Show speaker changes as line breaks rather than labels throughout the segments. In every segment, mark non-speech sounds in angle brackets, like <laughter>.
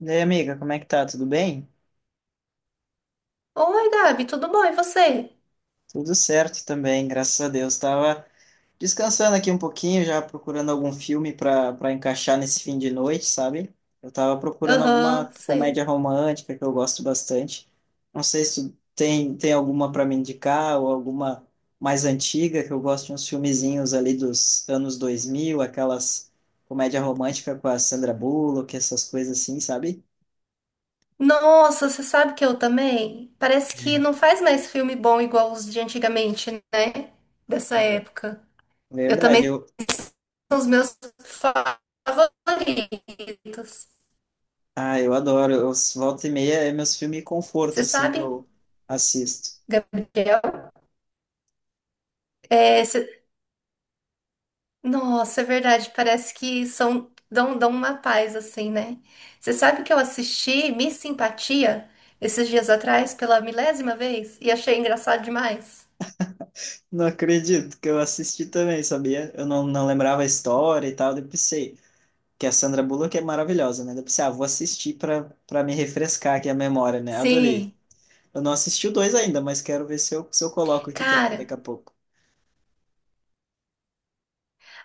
E aí, amiga, como é que tá? Tudo bem?
Oi, Gabi, tudo bom? E você?
Tudo certo também, graças a Deus. Tava descansando aqui um pouquinho, já procurando algum filme para encaixar nesse fim de noite, sabe? Eu tava procurando
Aham,
alguma
sei.
comédia romântica que eu gosto bastante. Não sei se tu tem alguma para me indicar ou alguma mais antiga, que eu gosto de uns filmezinhos ali dos anos dois mil, aquelas comédia romântica com a Sandra Bullock, essas coisas assim, sabe?
Nossa, você sabe que eu também? Parece que não faz mais filme bom igual os de antigamente, né? Dessa
É
época. Eu
verdade,
também
eu,
são os meus favoritos.
ah, eu adoro. Eu, volta e meia é meus filmes conforto,
Você
assim, que
sabe,
eu assisto.
Gabriel? É, você Nossa, é verdade. Parece que são dão uma paz assim, né? Você sabe que eu assisti Miss Simpatia esses dias atrás pela milésima vez e achei engraçado demais.
Não acredito que eu assisti também, sabia? Eu não lembrava a história e tal. Daí eu pensei que a Sandra Bullock é maravilhosa, né? Daí eu pensei, ah, vou assistir pra me refrescar aqui a memória, né? Adorei.
Sim,
Eu não assisti o dois ainda, mas quero ver se eu coloco aqui também
cara.
daqui a pouco.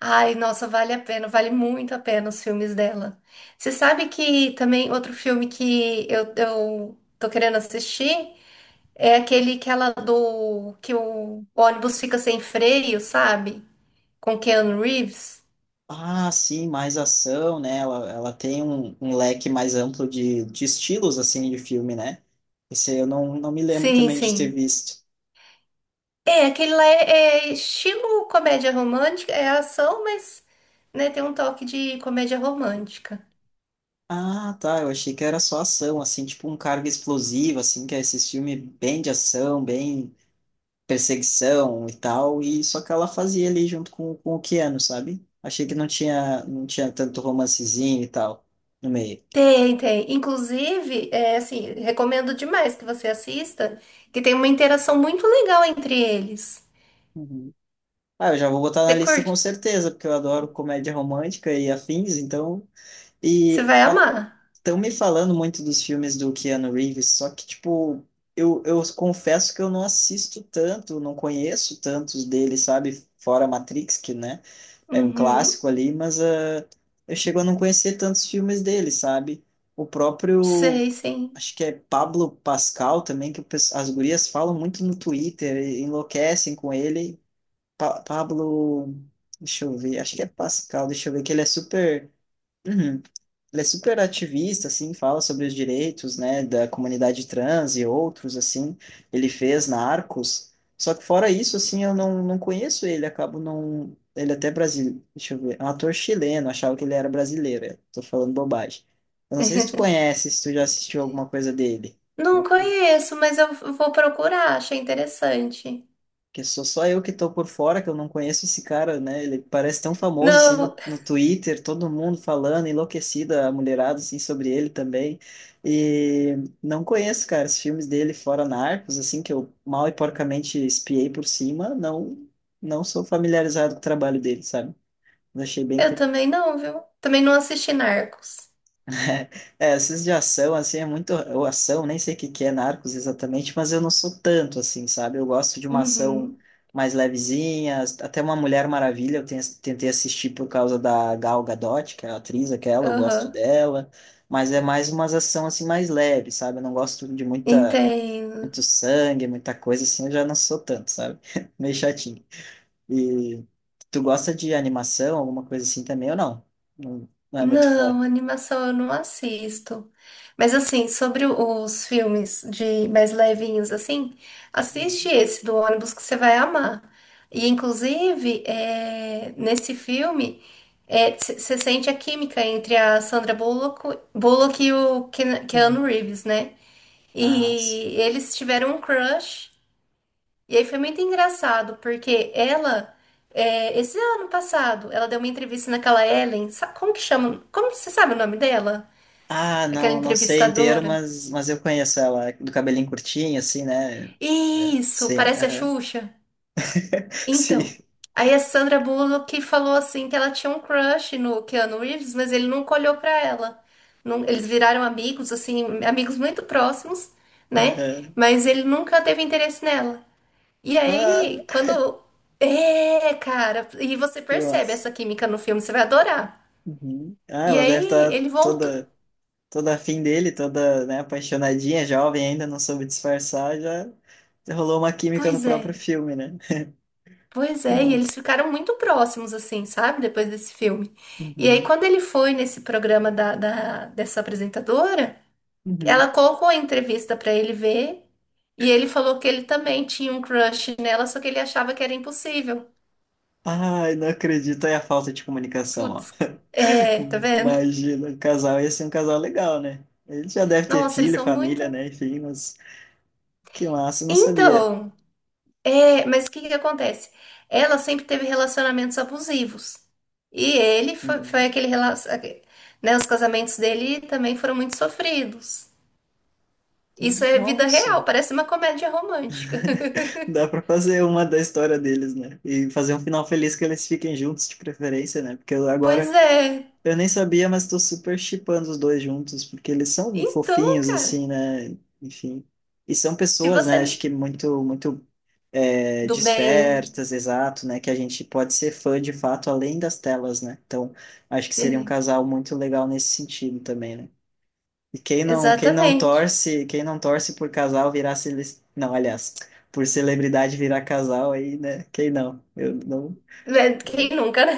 Ai, nossa, vale a pena, vale muito a pena os filmes dela. Você sabe que também outro filme que eu tô querendo assistir é aquele que ela do que o ônibus fica sem freio, sabe? Com Keanu Reeves.
Ah, sim, mais ação, né? Ela tem um, um leque mais amplo de estilos, assim, de filme, né? Esse eu não me lembro
Sim,
também de ter
sim.
visto.
É, aquele lá é, é estilo comédia romântica, é ação, mas né, tem um toque de comédia romântica.
Ah, tá. Eu achei que era só ação, assim, tipo um cargo explosivo, assim, que é esses filmes bem de ação, bem perseguição e tal. E só que ela fazia ali junto com o Keanu, sabe? Achei que não tinha tanto romancezinho e tal no meio.
Tem, tem. Inclusive, é assim, recomendo demais que você assista, que tem uma interação muito legal entre eles.
Uhum. Ah, eu já vou botar na
Você
lista com
curte?
certeza, porque eu adoro comédia romântica e afins, então.
Você
E
vai
a
amar.
estão me falando muito dos filmes do Keanu Reeves, só que, tipo, eu confesso que eu não assisto tanto, não conheço tantos dele, sabe? Fora Matrix, que, né, é um
Uhum.
clássico ali, mas eu chego a não conhecer tantos filmes dele, sabe? O próprio,
Sei, sim.
acho que é Pablo Pascal também, que o as gurias falam muito no Twitter, e enlouquecem com ele. Pa Pablo, deixa eu ver, acho que é Pascal, deixa eu ver, que ele é super. <clears throat> Uhum. Ele é super ativista, assim, fala sobre os direitos, né, da comunidade trans e outros, assim. Ele fez na Arcos. Só que fora isso, assim, eu não conheço ele, acabo não... Ele até brasileiro, deixa eu ver, é um ator chileno, achava que ele era brasileiro, eu tô falando bobagem. Eu não sei se tu
<laughs>
conhece, se tu já assistiu alguma coisa dele.
Não
Putz.
conheço, mas eu vou procurar, achei interessante.
Que sou só eu que tô por fora, que eu não conheço esse cara, né? Ele parece tão famoso, assim,
Não,
no, no Twitter, todo mundo falando, enlouquecida, a mulherada, assim, sobre ele também. E não conheço, cara, os filmes dele fora Narcos, assim, que eu mal e porcamente espiei por cima, não sou familiarizado com o trabalho dele, sabe? Mas achei bem
eu
curioso.
também não, viu? Também não assisti Narcos.
É, esses de ação, assim, é muito. Ou ação, nem sei o que que é Narcos exatamente, mas eu não sou tanto, assim, sabe? Eu gosto de uma ação
Uhum.
mais levezinha, até uma Mulher Maravilha eu tentei assistir por causa da Gal Gadot, que é a atriz aquela, eu gosto
Aham.
dela, mas é mais umas ação, assim, mais leve, sabe? Eu não gosto de muita,
Entendo.
muito sangue, muita coisa, assim, eu já não sou tanto, sabe? <laughs> Meio chatinho. E tu gosta de animação, alguma coisa assim também, ou não? Não, não é muito fã.
Não, animação eu não assisto. Mas assim, sobre o- os filmes de mais levinhos, assim, assiste esse do ônibus que você vai amar. E inclusive, é, nesse filme, você sente a química entre a Sandra Bullock, Bullock e o Ken- Keanu
Uhum.
Reeves, né?
Ah,
E eles tiveram um crush. E aí foi muito engraçado, porque ela, é, esse ano passado, ela deu uma entrevista naquela Ellen, sa- como que chama? Como você sabe o nome dela? Aquela
não, não sei inteiro,
entrevistadora?
mas eu conheço ela, é do cabelinho curtinho, assim, né? É,
Isso,
sim,
parece a
aham.
Xuxa.
<laughs> Sim,
Então, aí a Sandra Bullock falou assim que ela tinha um crush no Keanu Reeves, mas ele nunca olhou pra ela. Não- eles viraram amigos, assim, amigos muito próximos, né?
aham.
Mas ele nunca teve interesse nela. E
Ah,
aí, quando. É, cara. E você
eu
percebe
acho.
essa química no filme, você vai adorar.
Uhum. Ah,
E
ela deve
aí,
estar
ele voltou.
toda, toda afim dele, toda, né, apaixonadinha, jovem ainda, não soube disfarçar, já rolou uma química no
Pois é,
próprio filme, né? <laughs>
pois
Que
é. E eles
massa.
ficaram muito próximos, assim, sabe? Depois desse filme. E aí,
Uhum.
quando ele foi nesse programa da, da- dessa apresentadora, ela
Uhum.
colocou a entrevista pra ele ver. E ele falou que ele também tinha um crush nela, só que ele achava que era impossível.
Ai, não acredito, é a falta de comunicação,
Putz,
ó.
é, tá vendo?
Imagina, o casal ia ser um casal legal, né? Ele já deve ter
Nossa, eles
filho,
são muito.
família, né? Enfim, mas que massa, eu não sabia.
Então. É, mas o que que acontece? Ela sempre teve relacionamentos abusivos. E ele foi
Hum,
aquele relacionamento. Né, os casamentos dele também foram muito sofridos. Isso é vida
Nossa,
real, parece uma comédia romântica. <laughs>
dá pra fazer uma da história deles, né? E fazer um final feliz que eles fiquem juntos de preferência, né? Porque eu
Pois
agora
é.
eu nem sabia, mas tô super shippando os dois juntos, porque eles são
Então,
fofinhos,
cara,
assim, né? Enfim. E são
se
pessoas, né? Acho
você.
que muito, muito é,
Do bem.
despertas, exato, né? Que a gente pode ser fã de fato além das telas, né? Então, acho que seria um
É,
casal muito legal nesse sentido também, né? E quem não, quem não
exatamente.
torce, quem não torce por casal virar cele... não, aliás, por celebridade virar casal aí, né? Quem não? Eu não,
É, quem nunca, né?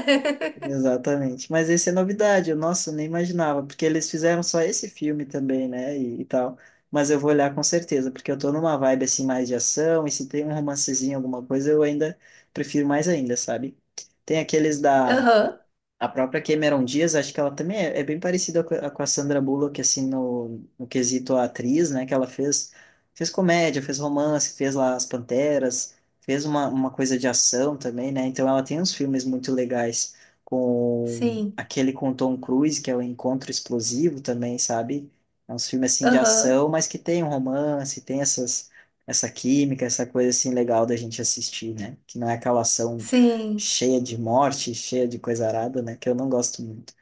exatamente. Mas esse é novidade, eu, nossa, eu nem imaginava, porque eles fizeram só esse filme também, né, e tal. Mas eu vou olhar com certeza, porque eu tô numa vibe assim mais de ação, e se tem um romancezinho, alguma coisa, eu ainda prefiro mais ainda, sabe? Tem aqueles
<laughs>
da
Aham,
a própria Cameron Diaz, acho que ela também é, é bem parecida com a Sandra Bullock, assim, no, no quesito atriz, né? Que ela fez, fez comédia, fez romance, fez lá As Panteras, fez uma coisa de ação também, né? Então ela tem uns filmes muito legais com
sim.
aquele com o Tom Cruise, que é o Encontro Explosivo também, sabe? É uns filmes, assim, de
Aham,
ação, mas que tem um romance, tem essas, essa química, essa coisa, assim, legal da gente assistir, né? Que não é aquela ação
sim.
cheia de morte, cheia de coisa arada, né? Que eu não gosto muito.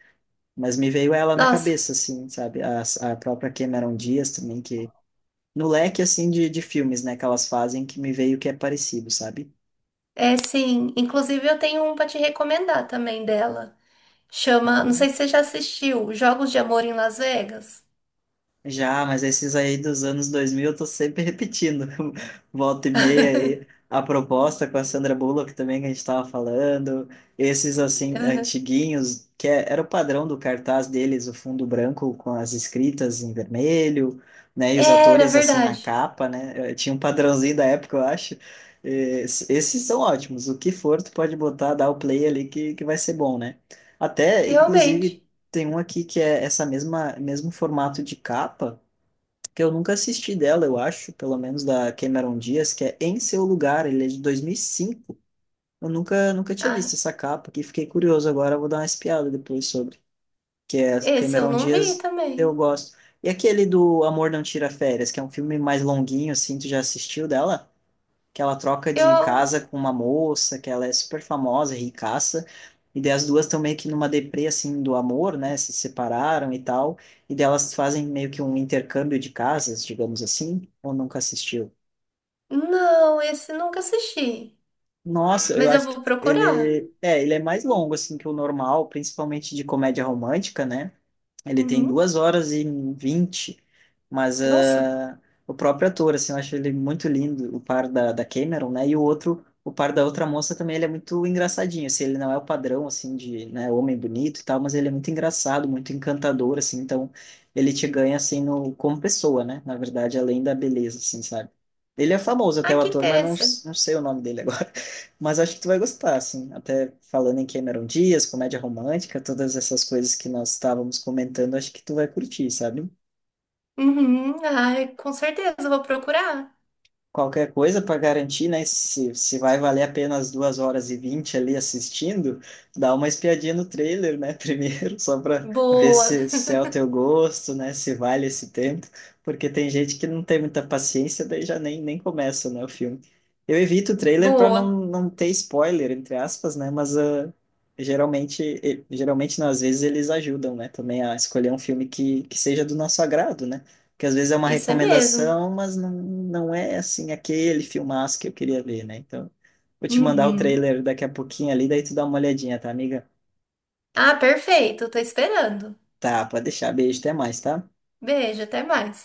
Mas me veio ela na
Nossa,
cabeça, assim, sabe? A própria Cameron Diaz também, que... No leque, assim, de filmes, né? Que elas fazem, que me veio que é parecido, sabe?
é sim. Inclusive, eu tenho um pra te recomendar também dela. Chama, não
Ah,
sei se você já assistiu, Jogos de Amor em Las Vegas.
já, mas esses aí dos anos 2000 eu tô sempre repetindo. <laughs> Volta e meia aí.
<laughs>
A proposta com a Sandra Bullock também que a gente tava falando. Esses, assim,
Aham.
antiguinhos, era o padrão do cartaz deles, o fundo branco com as escritas em vermelho, né? E os
Era
atores, assim, na
verdade,
capa, né? Tinha um padrãozinho da época, eu acho. Esses são ótimos. O que for, tu pode botar, dar o play ali que vai ser bom, né? Até,
realmente.
inclusive, tem um aqui que é essa mesma mesmo formato de capa, que eu nunca assisti dela, eu acho, pelo menos da Cameron Diaz, que é Em Seu Lugar, ele é de 2005. Eu nunca tinha
Ah,
visto essa capa aqui, fiquei curioso agora, eu vou dar uma espiada depois sobre, que é
esse eu
Cameron
não vi
Diaz, eu
também.
gosto. E aquele do Amor Não Tira Férias, que é um filme mais longuinho assim, tu já assistiu dela? Que ela troca de
Eu,
casa com uma moça, que ela é super famosa, ricaça, e daí as duas estão meio que numa deprê, assim, do amor, né, se separaram e tal, e daí elas fazem meio que um intercâmbio de casas, digamos assim, ou nunca assistiu?
não, esse nunca assisti,
Nossa, eu
mas eu
acho que
vou procurar.
ele é mais longo assim que o normal, principalmente de comédia romântica, né? Ele tem
Uhum.
2 horas e 20, mas
Nossa,
ah, o próprio ator, assim, eu acho ele muito lindo, o par da, da Cameron, né? E o outro, o par da outra moça também, ele é muito engraçadinho, assim, ele não é o padrão, assim, de, né, homem bonito e tal, mas ele é muito engraçado, muito encantador, assim, então ele te ganha, assim, no, como pessoa, né? Na verdade, além da beleza, assim, sabe? Ele é famoso até
ah,
o
que
ator, mas não,
interessante.
não sei o nome dele agora. Mas acho que tu vai gostar, assim. Até falando em Cameron Dias, comédia romântica, todas essas coisas que nós estávamos comentando, acho que tu vai curtir, sabe?
Uhum. Ai, com certeza eu vou procurar.
Qualquer coisa para garantir, né? Se vai valer apenas 2 horas e 20 ali assistindo, dá uma espiadinha no trailer, né? <laughs> Primeiro, só para ver
Boa,
se, se é o teu gosto, né? Se vale esse tempo, porque tem gente que não tem muita paciência, daí já nem, nem começa, né, o filme. Eu evito o
<laughs>
trailer para não,
boa,
não ter spoiler, entre aspas, né? Mas ah, geralmente não, às vezes eles ajudam, né? Também a escolher um filme que seja do nosso agrado, né? Que às vezes é uma
isso é mesmo.
recomendação, mas não, não é assim aquele filmaço que eu queria ver, né? Então, vou te mandar o
Uhum.
trailer daqui a pouquinho ali, daí tu dá uma olhadinha, tá, amiga?
Ah, perfeito, tô esperando.
Tá, pode deixar. Beijo, até mais, tá?
Beijo, até mais.